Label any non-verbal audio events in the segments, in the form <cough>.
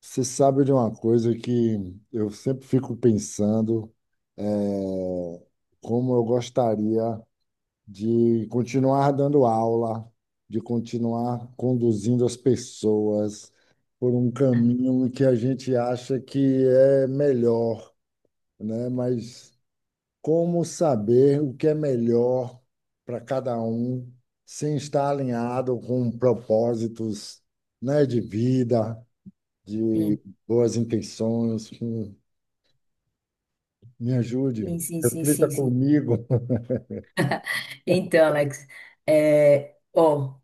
Você sabe de uma coisa que eu sempre fico pensando, é, como eu gostaria de continuar dando aula, de continuar conduzindo as pessoas por um caminho que a gente acha que é melhor, né? Mas como saber o que é melhor para cada um sem estar alinhado com propósitos, né, de vida, de Sim, boas intenções, que me ajude, sim, sim, sim, reflita sim. Sim. comigo. Então, Alex, é, ó,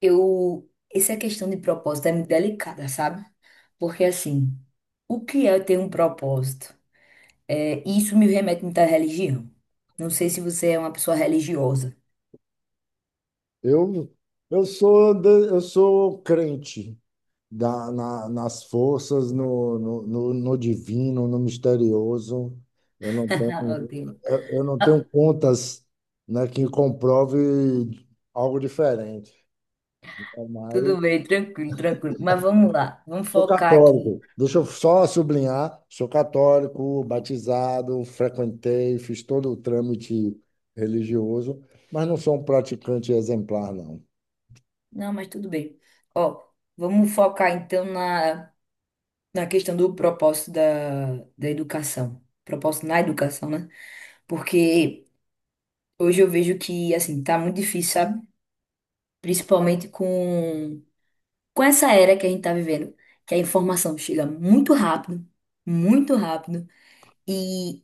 essa questão de propósito é muito delicada, sabe? Porque, assim, o que é ter um propósito? É, isso me remete muito à religião. Não sei se você é uma pessoa religiosa. Eu, eu sou crente nas forças, no divino, no misterioso. Eu não <laughs> tenho, Meu eu não tenho Ah, contas, né, que comprove algo diferente. Então, Mas tudo bem, tranquilo, tranquilo. Mas vamos lá, vamos Sou focar aqui. católico. Deixa eu só sublinhar, sou católico, batizado, frequentei, fiz todo o trâmite religioso, mas não sou um praticante exemplar, não. Não, mas tudo bem. Ó, vamos focar então na, questão do propósito da educação. Propósito na educação, né? Porque hoje eu vejo que, assim, tá muito difícil, sabe? Principalmente com essa era que a gente tá vivendo, que a informação chega muito rápido, e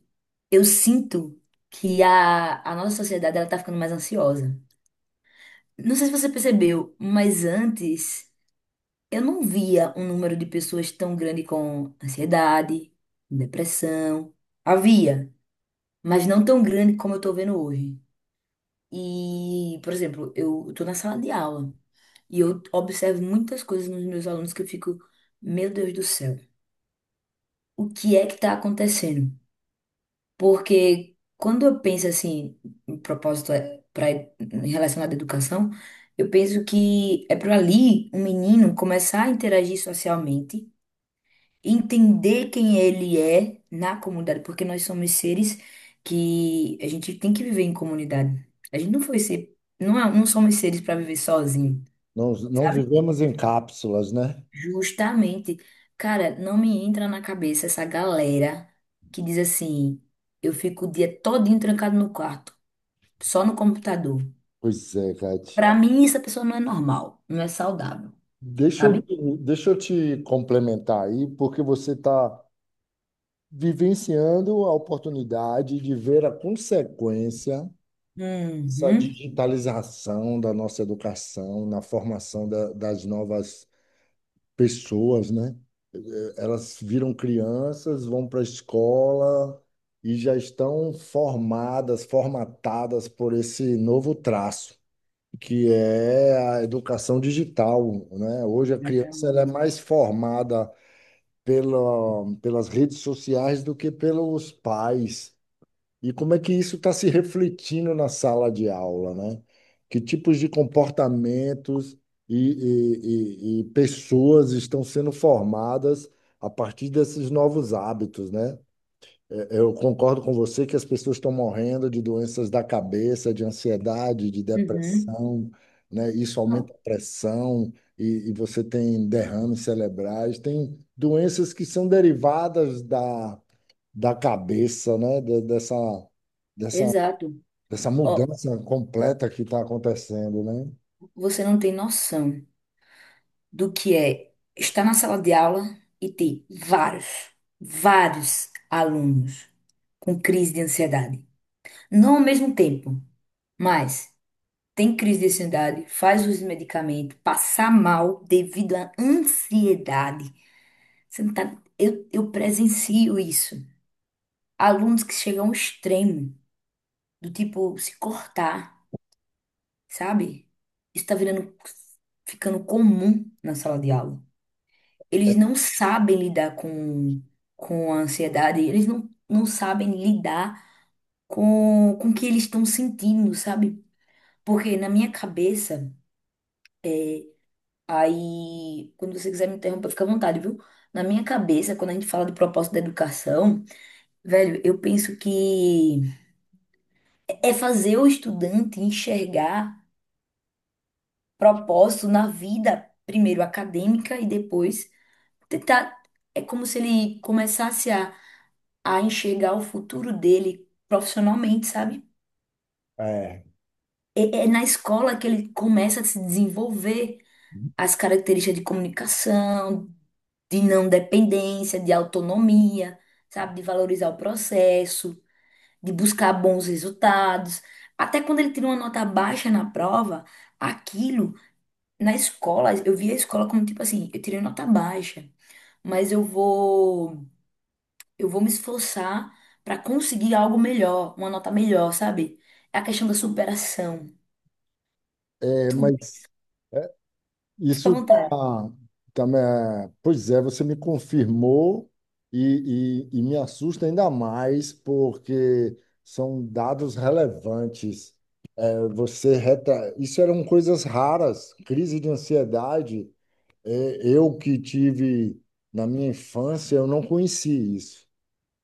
eu sinto que a nossa sociedade, ela tá ficando mais ansiosa. Não sei se você percebeu, mas antes eu não via um número de pessoas tão grande com ansiedade, depressão. Havia, mas não tão grande como eu tô vendo hoje. E, por exemplo, eu estou na sala de aula e eu observo muitas coisas nos meus alunos que eu fico, meu Deus do céu, o que é que está acontecendo? Porque quando eu penso assim, em propósito é pra, em relação à educação, eu penso que é para ali um menino começar a interagir socialmente, entender quem ele é na comunidade, porque nós somos seres que a gente tem que viver em comunidade. A gente não foi ser, não, não somos seres para viver sozinho, Não, não sabe? vivemos em cápsulas, né? Justamente. Cara, não me entra na cabeça essa galera que diz assim: eu fico o dia todinho trancado no quarto, só no computador. Pois é, Kate. Pra mim, essa pessoa não é normal, não é saudável, Deixa eu, sabe? deixa eu te complementar aí, porque você está vivenciando a oportunidade de ver a consequência dessa Uhum. digitalização da nossa educação na formação das novas pessoas, né? Elas viram crianças, vão para a escola e já estão formadas, formatadas por esse novo traço, que é a educação digital, né? Hoje a criança ela é Exatamente. mais formada pelas redes sociais do que pelos pais. E como é que isso está se refletindo na sala de aula, né? Que tipos de comportamentos e pessoas estão sendo formadas a partir desses novos hábitos, né? É, Eu concordo com você que as pessoas estão morrendo de doenças da cabeça, de ansiedade, de Uhum. depressão, né? Isso aumenta Não, a pressão e você tem derrames cerebrais, tem doenças que são derivadas da cabeça, né? Dessa, exato. dessa Ó, mudança completa que está acontecendo, né? você não tem noção do que é estar na sala de aula e ter vários, vários alunos com crise de ansiedade. Não ao mesmo tempo, mas tem crise de ansiedade, faz uso de medicamento, passar mal devido à ansiedade. Você não tá- eu presencio isso. Alunos que chegam ao extremo, do tipo se cortar, sabe? Isso está virando, ficando comum na sala de aula. Eles não sabem lidar com, a ansiedade, eles não sabem lidar com o que eles estão sentindo, sabe? Porque na minha cabeça, aí, quando você quiser me interromper, fica à vontade, viu? Na minha cabeça, quando a gente fala do propósito da educação, velho, eu penso que é fazer o estudante enxergar propósito na vida, primeiro acadêmica e depois tentar. É como se ele começasse a enxergar o futuro dele profissionalmente, sabe? É, É, é na escola que ele começa a se desenvolver as características de comunicação, de não dependência, de autonomia, sabe? De valorizar o processo, de buscar bons resultados. Até quando ele tira uma nota baixa na prova, aquilo, na escola, eu via a escola como tipo assim, eu tirei nota baixa, mas eu vou. Eu vou me esforçar para conseguir algo melhor, uma nota melhor, sabe? É a questão da superação. é, Tudo mas Fica à isso vontade. tá, também é, pois é, você me confirmou e me assusta ainda mais porque são dados relevantes. É. Você reta, isso eram coisas raras, crise de ansiedade. Eu que tive na minha infância, eu não conheci isso.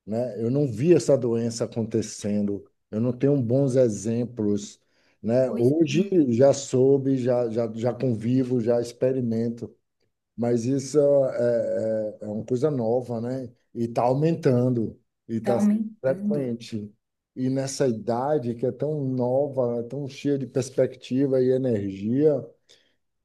Né? Eu não vi essa doença acontecendo, eu não tenho bons exemplos, né? Pois é, Hoje já soube, já convivo, já experimento, mas isso é uma coisa nova, né? E está aumentando, e tá está aumentando. frequente. E nessa idade que é tão nova, né, tão cheia de perspectiva e energia,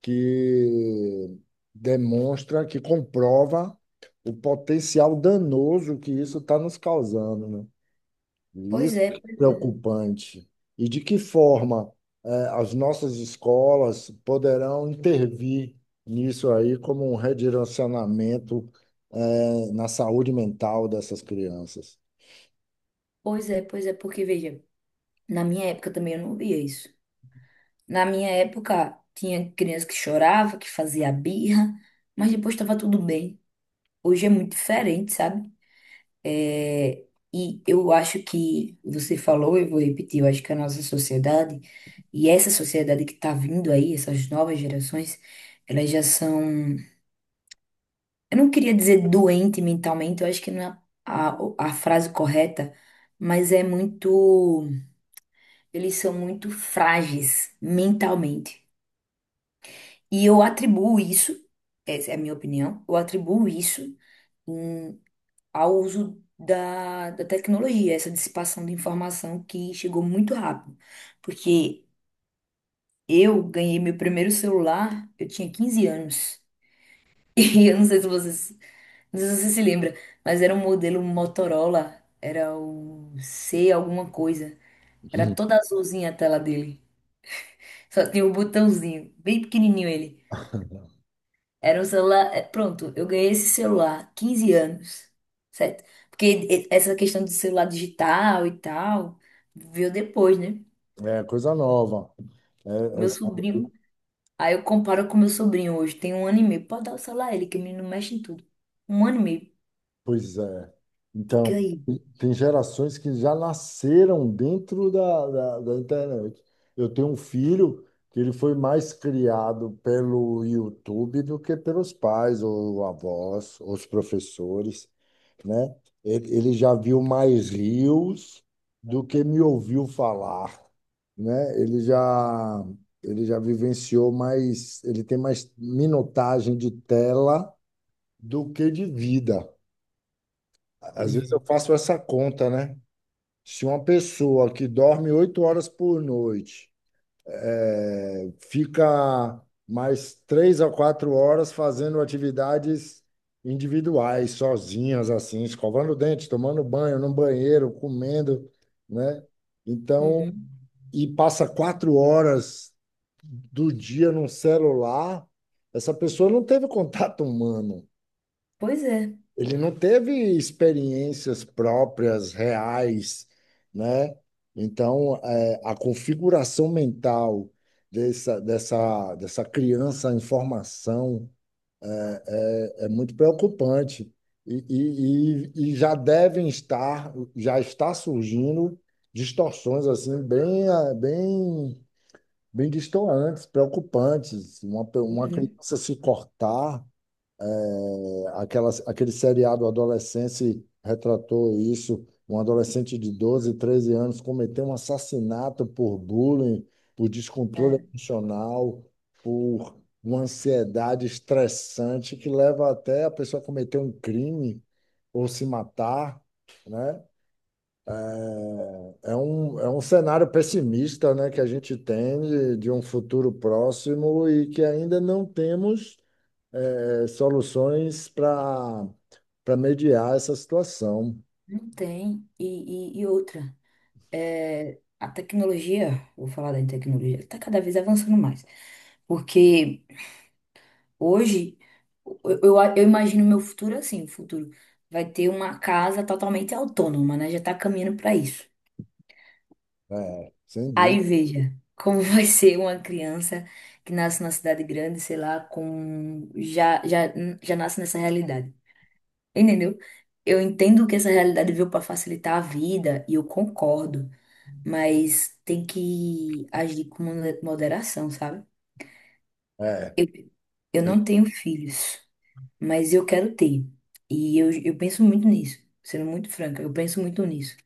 que demonstra, que comprova o potencial danoso que isso está nos causando, né? E Pois isso é, é preocupante. E de que forma as nossas escolas poderão intervir nisso aí como um redirecionamento na saúde mental dessas crianças? pois é, pois é, porque veja, na minha época também eu não via isso. Na minha época tinha criança que chorava, que fazia birra, mas depois estava tudo bem. Hoje é muito diferente, sabe? É, e eu acho que você falou, eu vou repetir, eu acho que a nossa sociedade e essa sociedade que está vindo aí, essas novas gerações, elas já são, eu não queria dizer doente mentalmente, eu acho que não é a frase correta, mas é muito, eles são muito frágeis mentalmente. E eu atribuo isso, essa é a minha opinião, eu atribuo isso ao uso da tecnologia, essa dissipação de informação que chegou muito rápido. Porque eu ganhei meu primeiro celular, eu tinha 15 anos. <laughs> E eu não sei se vocês, não sei se você se lembra, mas era um modelo Motorola, era o C alguma coisa. Era Hum. toda azulzinha a tela dele. Só tinha um botãozinho, bem pequenininho ele. Era um celular. É, pronto, eu ganhei esse celular, 15 anos, certo? Porque essa questão do celular digital e tal, veio depois, né? É coisa nova. É, Meu é, sobrinho. Aí eu comparo com meu sobrinho hoje, tem 1 ano e meio. Pode dar o celular a ele, que o menino mexe em tudo. 1 ano e meio. Pois é. Fica Então, aí. tem gerações que já nasceram dentro da, da, da internet. Eu tenho um filho que ele foi mais criado pelo YouTube do que pelos pais, ou avós, ou os professores, né? Ele já viu mais rios do que me ouviu falar, né? Ele já vivenciou mais, ele tem mais minutagem de tela do que de vida. Às Pois vezes é. eu faço essa conta, né? Se uma pessoa que dorme 8 horas por noite fica mais 3 a 4 horas fazendo atividades individuais, sozinhas, assim, escovando o dente, tomando banho no banheiro, comendo, né? Então, Uhum. e passa 4 horas do dia num celular, essa pessoa não teve <laughs> contato humano. Pois é. Ele não teve experiências próprias, reais, né? Então, a configuração mental dessa criança em formação é muito preocupante. E já devem estar, já está surgindo distorções assim bem distoantes, preocupantes. Uma Uhum. criança se cortar. Aquele seriado Adolescência retratou isso. Um adolescente de 12, 13 anos cometeu um assassinato por bullying, por descontrole É, emocional, por uma ansiedade estressante que leva até a pessoa a cometer um crime ou se matar, né? É um cenário pessimista, né, que a gente tem de um futuro próximo e que ainda não temos soluções para mediar essa situação. não tem. E, outra, é, a tecnologia, vou falar da tecnologia, está cada vez avançando mais. Porque hoje, eu imagino meu futuro assim, o futuro vai ter uma casa totalmente autônoma, né? Já tá caminhando para isso. É, sem Aí dúvida. veja como <laughs> vai ser uma criança que nasce na cidade grande, sei lá, com já nasce nessa realidade. Entendeu? Eu entendo que essa realidade veio para facilitar a vida e eu concordo, mas tem que agir com moderação, sabe? É, Eu, eu não tenho filhos, mas eu quero ter. E eu penso muito nisso, sendo muito franca, eu penso muito nisso.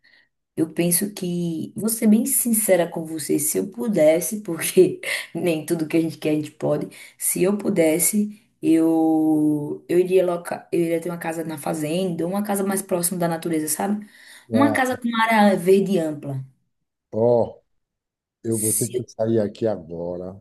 Eu penso que, vou ser bem sincera com você, se eu pudesse, porque <laughs> nem tudo que a gente quer a gente pode, se eu pudesse, eu iria loca, eu iria ter uma casa na fazenda, uma casa mais próxima da natureza, sabe? Uma casa é, com uma área verde ampla. ó, eu vou ter que Se- sair aqui agora.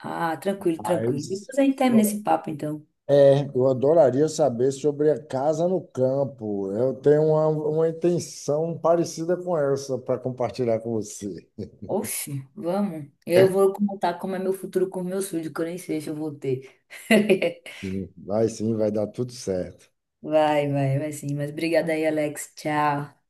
ah, tranquilo, tranquilo. Mas Depois a gente termina eu, esse papo, então. eu adoraria saber sobre a casa no campo. Eu tenho uma intenção parecida com essa para compartilhar com você. Oxe, vamos. Eu <laughs> vou contar como é meu futuro com meus filhos, que eu nem sei se eu vou ter. <laughs> Sim, vai sim, vai dar tudo certo. Vai, vai, vai sim. Mas obrigada aí, Alex. Tchau.